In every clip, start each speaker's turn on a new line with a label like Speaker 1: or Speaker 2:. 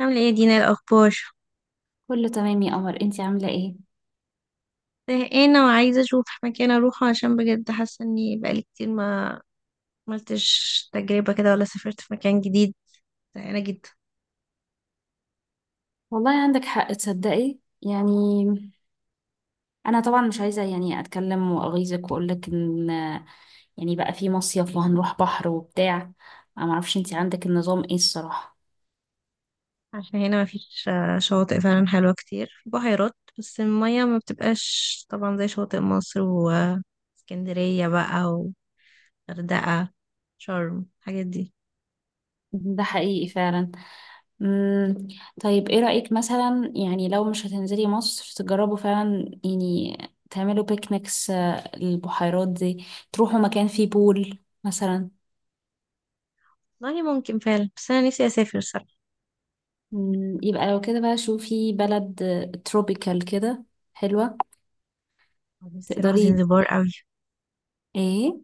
Speaker 1: عاملة ايه يا دينا؟ إيه الأخبار؟
Speaker 2: كله تمام يا قمر، انتي عاملة ايه؟
Speaker 1: زهقانة وعايزة أشوف مكان أروحه، عشان بجد حاسة إني بقالي كتير ما عملتش تجربة كده ولا سافرت في مكان جديد. زهقانة جدا.
Speaker 2: والله عندك حق تصدقي يعني. انا طبعا مش عايزة يعني اتكلم واغيظك واقولك ان يعني بقى في مصيف وهنروح بحر وبتاع. انا معرفش انتي عندك النظام ايه الصراحة.
Speaker 1: عشان هنا مفيش شواطئ فعلا حلوة كتير، في بحيرات بس المية ما بتبقاش طبعا زي شواطئ مصر واسكندرية بقى وغردقة، شرم، الحاجات دي.
Speaker 2: ده حقيقي فعلا. مم. طيب، ايه رأيك مثلا يعني لو مش هتنزلي مصر، تجربوا فعلا يعني تعملوا بيكنيكس البحيرات دي، تروحوا مكان فيه بول مثلا.
Speaker 1: والله ممكن فعلا، بس أنا نفسي أسافر صراحة.
Speaker 2: يبقى لو كده بقى شوفي بلد تروبيكال كده حلوة.
Speaker 1: نفسي أروح
Speaker 2: تقدري؟
Speaker 1: زنزبار أوي.
Speaker 2: ايه.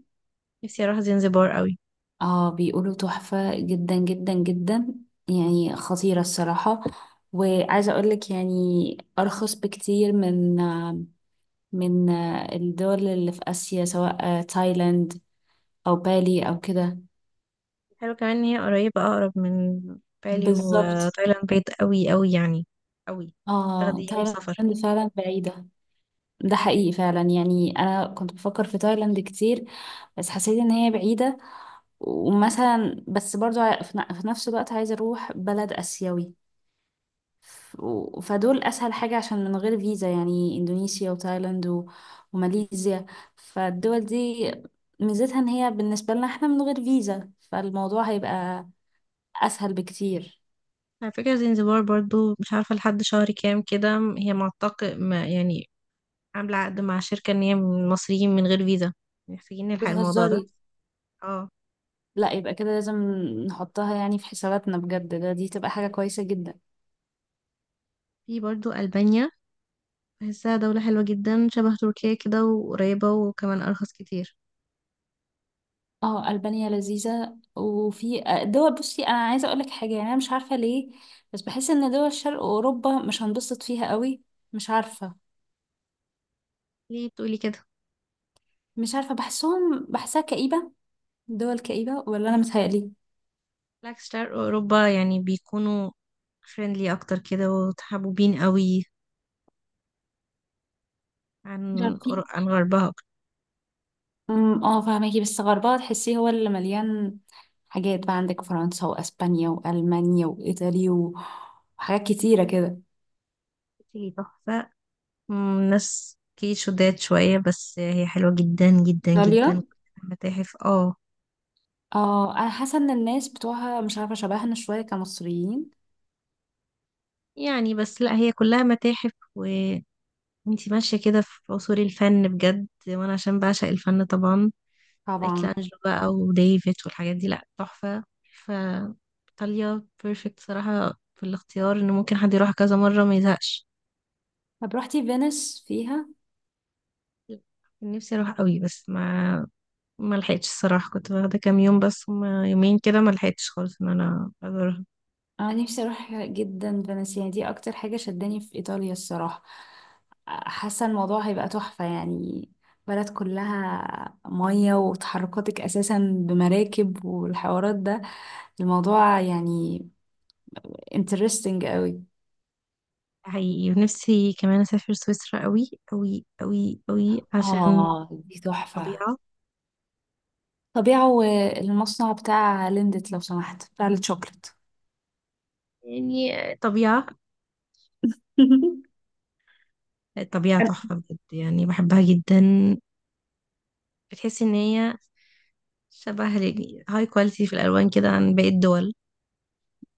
Speaker 1: نفسي أروح زنزبار أوي.
Speaker 2: اه، بيقولوا تحفة جدا جدا جدا، يعني خطيرة الصراحة. وعايزة اقولك يعني، ارخص بكتير من الدول اللي في اسيا، سواء تايلاند او بالي او كده.
Speaker 1: حلو كمان ان هي قريبة، اقرب من بالي
Speaker 2: بالظبط.
Speaker 1: وتايلاند، بعيد قوي قوي يعني، قوي.
Speaker 2: اه،
Speaker 1: تاخدي يوم سفر.
Speaker 2: تايلاند فعلا بعيدة. ده حقيقي فعلا، يعني انا كنت بفكر في تايلاند كتير، بس حسيت ان هي بعيدة. ومثلا بس برضو في نفس الوقت عايزة أروح بلد آسيوي. فدول أسهل حاجة، عشان من غير فيزا، يعني إندونيسيا وتايلاند وماليزيا. فالدول دي ميزتها إن هي بالنسبة لنا إحنا من غير فيزا، فالموضوع هيبقى أسهل بكتير.
Speaker 1: على فكرة زنزبار برضو، مش عارفة لحد شهر كام كده، هي معتق ما يعني، عاملة عقد مع شركة ان هي من المصريين من غير فيزا. محتاجين نلحق الموضوع ده.
Speaker 2: بتهزري؟
Speaker 1: اه.
Speaker 2: لا، يبقى كده لازم نحطها يعني في حساباتنا بجد، ده دي تبقى حاجة كويسة جدا.
Speaker 1: في برضو ألبانيا، بحسها دولة حلوة جدا، شبه تركيا كده، وقريبة، وكمان أرخص كتير.
Speaker 2: اه، ألبانيا لذيذة. وفي دول، بصي انا عايزة اقولك حاجة، يعني انا مش عارفة ليه، بس بحس ان دول شرق اوروبا مش هنبسط فيها قوي. مش عارفة.
Speaker 1: ليه بتقولي كده؟
Speaker 2: مش عارفة، بحسهم بحسها كئيبة. دول كئيبة، ولا انا متهيألي؟
Speaker 1: بالعكس شرق أوروبا يعني بيكونوا فريندلي أكتر كده وتحبوبين قوي
Speaker 2: مش عارفة في.
Speaker 1: عن غربها أكتر.
Speaker 2: اه، فاهمكي بس غربها تحسيه هو اللي مليان حاجات، بقى عندك فرنسا واسبانيا والمانيا وايطاليا وحاجات كتيرة كده.
Speaker 1: هي تحفة. ناس كي شداد شوية، بس هي حلوة جدا جدا
Speaker 2: ايطاليا.
Speaker 1: جدا. متاحف، اه.
Speaker 2: اه، انا حاسة ان الناس بتوعها مش عارفة شبهنا شوية كمصريين.
Speaker 1: يعني بس لا، هي كلها متاحف وانتي ماشية كده في عصور الفن بجد، وانا عشان بعشق الفن طبعا،
Speaker 2: طبعا.
Speaker 1: مايكلانجلو بقى وديفيد والحاجات دي، لا تحفة. ف ايطاليا بيرفكت صراحة في الاختيار، ان ممكن حد يروح كذا مرة ما يزهقش.
Speaker 2: طب، روحتي فينيس فيها؟
Speaker 1: نفسي اروح قوي، بس ما لحقتش الصراحه، كنت واخده كام يوم، بس هما يومين كده، ما لحقتش خالص ان انا ازورها.
Speaker 2: انا نفسي اروح جدا فينيسيا، يعني دي اكتر حاجة شداني في ايطاليا الصراحة. حاسة الموضوع هيبقى تحفة يعني. بلد كلها مية وتحركاتك اساسا بمراكب والحوارات ده، الموضوع يعني interesting قوي.
Speaker 1: حقيقي. ونفسي كمان اسافر سويسرا قوي قوي قوي قوي، عشان
Speaker 2: اه، دي تحفة.
Speaker 1: طبيعه.
Speaker 2: طبيعة، والمصنع بتاع ليندت لو سمحت بتاع الشوكليت.
Speaker 1: يعني طبيعه. الطبيعه تحفه بجد، يعني بحبها جدا. بتحس ان هي شبه هاي كواليتي في الالوان كده، عن باقي الدول.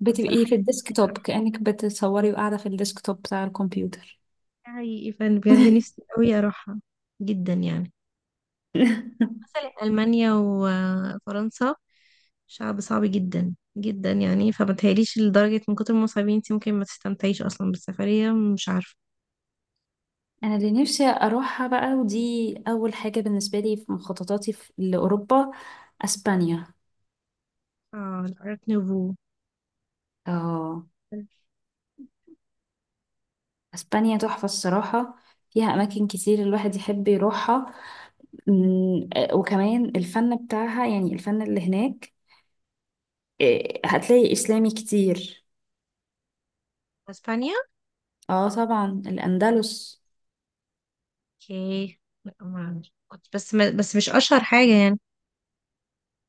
Speaker 2: بتبقي
Speaker 1: فالصراحه
Speaker 2: في
Speaker 1: نفسي
Speaker 2: الديسكتوب،
Speaker 1: أروحها.
Speaker 2: كأنك بتصوري وقاعدة في الديسكتوب بتاع الكمبيوتر.
Speaker 1: حقيقي، فأنا بجد نفسي قوي اروحها جدا يعني. مثلا ألمانيا وفرنسا، شعب صعب جدا جدا يعني، فمتهيأليش، لدرجة من كتر ما صعبين انت ممكن ما تستمتعيش أصلا بالسفرية، مش عارفة.
Speaker 2: انا اللي نفسي اروحها بقى، ودي اول حاجه بالنسبه لي في مخططاتي لاوروبا، اسبانيا.
Speaker 1: اه الارت نوفو.
Speaker 2: اه، اسبانيا تحفه الصراحه، فيها اماكن كتير الواحد يحب يروحها. أمم، آه، وكمان الفن بتاعها يعني الفن اللي هناك، هتلاقي اسلامي كتير.
Speaker 1: اسبانيا.
Speaker 2: اه طبعا، الاندلس.
Speaker 1: اوكي. لا ما أعرف. كنت بس مش اشهر حاجة يعني.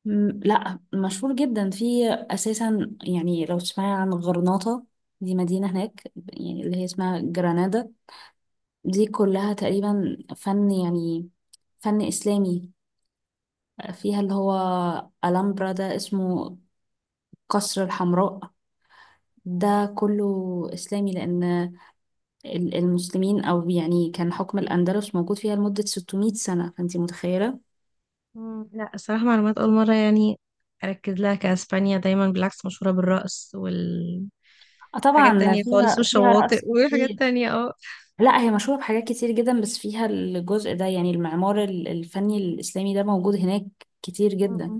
Speaker 2: لا، مشهور جدا في اساسا، يعني لو تسمعي عن غرناطه، دي مدينه هناك، يعني اللي هي اسمها جرانادا. دي كلها تقريبا فن، يعني فن إسلامي. فيها اللي هو ألامبرا، ده اسمه قصر الحمراء. ده كله إسلامي، لأن المسلمين، أو يعني كان حكم الأندلس موجود فيها لمدة 600 سنة، فأنتي متخيلة.
Speaker 1: لا الصراحة معلومات أول مرة يعني أركز لها، كأسبانيا دايما بالعكس مشهورة بالرقص والحاجات
Speaker 2: آه طبعا،
Speaker 1: تانية خالص،
Speaker 2: فيها
Speaker 1: والشواطئ
Speaker 2: رقص
Speaker 1: وحاجات
Speaker 2: كتير.
Speaker 1: تانية.
Speaker 2: لا، هي مشهورة بحاجات كتير جدا، بس فيها الجزء ده، يعني المعمار الفني الإسلامي ده موجود هناك كتير
Speaker 1: اه
Speaker 2: جدا.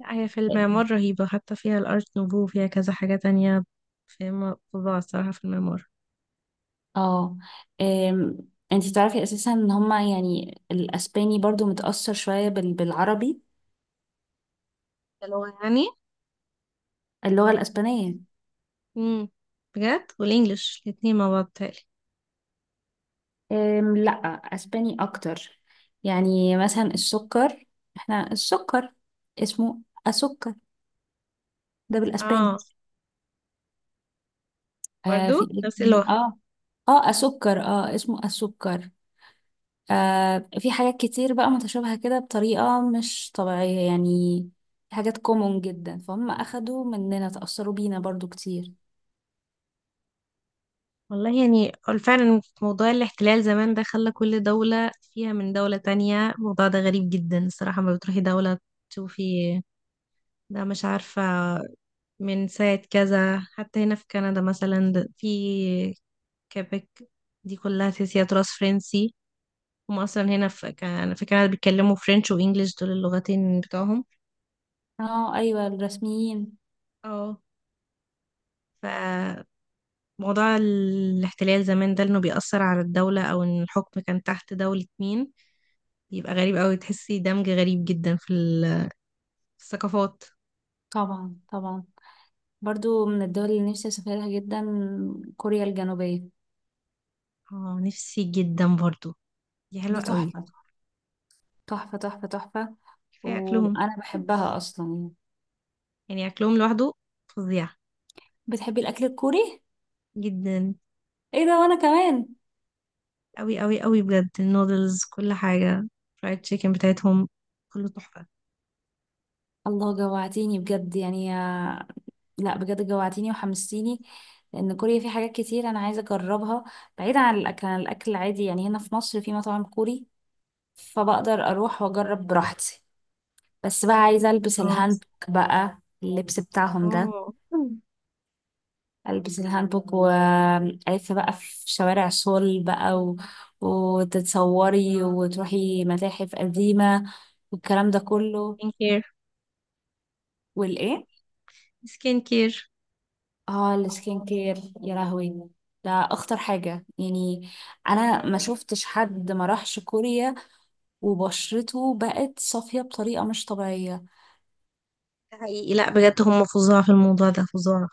Speaker 1: لا، هي في المعمار رهيبة، حتى فيها الأرت نوفو، وفيها كذا حاجة تانية. في فظاعة الصراحة في المعمار.
Speaker 2: اه، أم، انتي تعرفي اساسا ان هما يعني الاسباني برضو متأثر شوية بالعربي.
Speaker 1: اللغة يعني.
Speaker 2: اللغة الاسبانية.
Speaker 1: امم بجد، والإنجليش الاتنين مع بعض تالي.
Speaker 2: لا، اسباني اكتر. يعني مثلا السكر، احنا السكر اسمه اسكر، ده
Speaker 1: اه
Speaker 2: بالاسباني. آه،
Speaker 1: برضو
Speaker 2: في إيه
Speaker 1: نفس
Speaker 2: تاني؟
Speaker 1: اللغة.
Speaker 2: اه. اه اسكر، اه اسمه اسكر. آه، في حاجات كتير بقى متشابهة كده بطريقة مش طبيعية يعني. في حاجات كومون جدا، فهم اخدوا مننا، تأثروا بينا برضو كتير.
Speaker 1: والله يعني فعلا موضوع الاحتلال زمان ده خلى كل دولة فيها من دولة تانية. الموضوع ده غريب جدا الصراحة، ما بتروحي دولة تشوفي ده، مش عارفة، من ساعة كذا. حتى هنا في كندا مثلا، في كيبك، دي كلها تحسيها تراث فرنسي. هم اصلا هنا في انا في كندا بيتكلموا فرنش وانجليش، دول اللغتين بتوعهم.
Speaker 2: اه ايوه، الرسميين.
Speaker 1: اه. فموضوع الاحتلال زمان ده، انه بيأثر على الدولة، او ان الحكم كان تحت دولة مين، بيبقى غريب قوي. تحسي دمج غريب جدا في في الثقافات.
Speaker 2: طبعا طبعا. برضو من الدول اللي نفسي اسافرها جدا، كوريا الجنوبية.
Speaker 1: اه نفسي جدا برضو. دي حلوة
Speaker 2: دي
Speaker 1: قوي.
Speaker 2: تحفة تحفة تحفة تحفة.
Speaker 1: كفاية اكلهم.
Speaker 2: وانا بحبها اصلا يعني.
Speaker 1: يعني اكلهم لوحده فظيع
Speaker 2: بتحبي الاكل الكوري؟
Speaker 1: جدا.
Speaker 2: ايه ده؟ وانا كمان.
Speaker 1: قوي قوي قوي بجد، النودلز، كل حاجة، فرايد تشيكن بتاعتهم، كله تحفة.
Speaker 2: الله، جوعتيني بجد يعني لا بجد، جوعتيني وحمستيني. لان كوريا في حاجات كتير انا عايزة اجربها، بعيدا عن الاكل العادي. يعني هنا في مصر في مطاعم كوري، فبقدر اروح واجرب براحتي. بس بقى عايزة ألبس
Speaker 1: اه.
Speaker 2: الهانبوك بقى، اللبس بتاعهم ده.
Speaker 1: اه
Speaker 2: ألبس الهانبوك وألف بقى في شوارع سول بقى وتتصوري وتروحي متاحف قديمة والكلام ده كله.
Speaker 1: سكين كير.
Speaker 2: والإيه؟
Speaker 1: سكين كير.
Speaker 2: اه، السكين كير، يا لهوي. ده أخطر حاجة يعني. أنا ما شفتش حد ما راحش كوريا وبشرته بقت صافية بطريقة مش طبيعية.
Speaker 1: ده حقيقي، لا بجد هم فظاع في الموضوع ده، فظاع.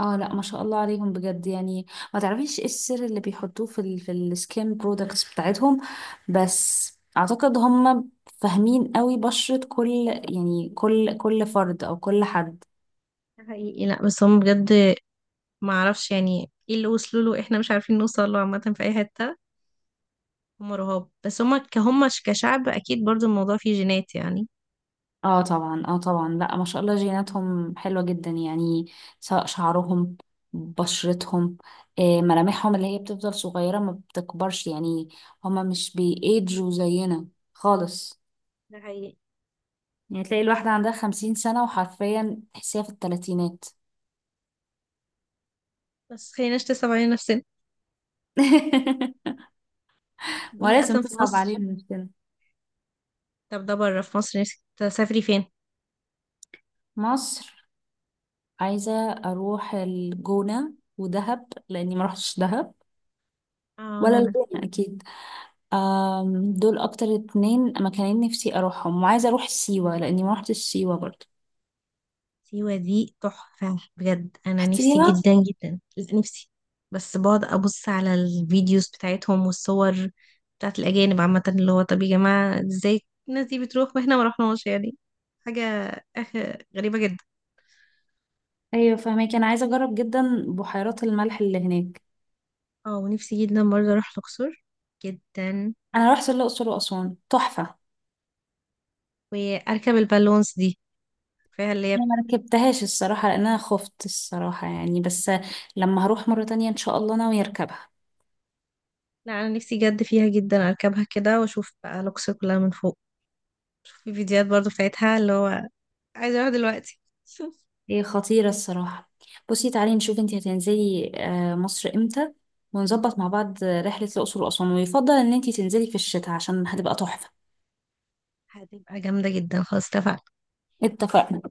Speaker 2: اه لا، ما شاء الله عليهم بجد يعني. ما تعرفيش ايه السر اللي بيحطوه في السكين برودكتس بتاعتهم. بس اعتقد هم فاهمين قوي بشرة كل، يعني كل فرد او كل حد.
Speaker 1: ده حقيقي. لا بس هم بجد ما اعرفش يعني ايه اللي وصلوا له احنا مش عارفين نوصل له عامة في اي حتة. هم رهاب، بس هم كهم كشعب اكيد برضو الموضوع فيه جينات يعني.
Speaker 2: اه طبعا، اه طبعا، لا ما شاء الله، جيناتهم حلوة جدا يعني. سواء شعرهم، بشرتهم، ملامحهم اللي هي بتفضل صغيرة ما بتكبرش يعني. هما مش بيأجوا زينا خالص.
Speaker 1: ده حقيقي.
Speaker 2: يعني تلاقي الواحدة عندها 50 سنة وحرفيا تحسيها في التلاتينات.
Speaker 1: بس خليناش نصعب علينا نفسنا.
Speaker 2: ما
Speaker 1: بقيني
Speaker 2: لازم
Speaker 1: اصلا في
Speaker 2: تصعب
Speaker 1: مصر.
Speaker 2: علينا نفسنا.
Speaker 1: طب ده بره، في مصر نفسك تسافري فين؟
Speaker 2: مصر. عايزة أروح الجونة ودهب لأني ما روحتش دهب،
Speaker 1: اه
Speaker 2: ولا
Speaker 1: لا.
Speaker 2: الجونة أكيد. دول أكتر 2 مكانين نفسي أروحهم، وعايزة أروح سيوة لأني ما روحتش سيوة برضه.
Speaker 1: سيوة دي تحفة بجد، أنا نفسي
Speaker 2: رحتيها؟
Speaker 1: جدا جدا، لا نفسي. بس بقعد أبص على الفيديوز بتاعتهم والصور بتاعت الأجانب عامة، اللي هو طب يا جماعة ازاي الناس دي بتروح واحنا ما رحناش يعني؟ حاجة، أخ، غريبة جدا.
Speaker 2: أيوة فهماكي، أنا عايزة أجرب جدا بحيرات الملح اللي هناك.
Speaker 1: اه ونفسي جدا برضه أروح الأقصر جدا،
Speaker 2: أنا رحت الأقصر وأسوان تحفة.
Speaker 1: وأركب البالونس دي، فيها اللي
Speaker 2: أنا
Speaker 1: هي.
Speaker 2: ما ركبتهاش الصراحة، لأن أنا خفت الصراحة يعني، بس لما هروح مرة تانية إن شاء الله ناوية أركبها.
Speaker 1: لا أنا نفسي جد فيها جدا أركبها كده، وأشوف بقى الأقصر كلها من فوق. في فيديوهات برضه بتاعتها، اللي هو عايزة أروح دلوقتي.
Speaker 2: هي خطيرة الصراحة. بصي تعالي نشوف انتي هتنزلي مصر امتى، ونظبط مع بعض رحلة الأقصر وأسوان، ويفضل ان انتي تنزلي في الشتاء عشان هتبقى تحفة.
Speaker 1: هتبقى جامدة جدا، خلاص اتفقنا.
Speaker 2: اتفقنا.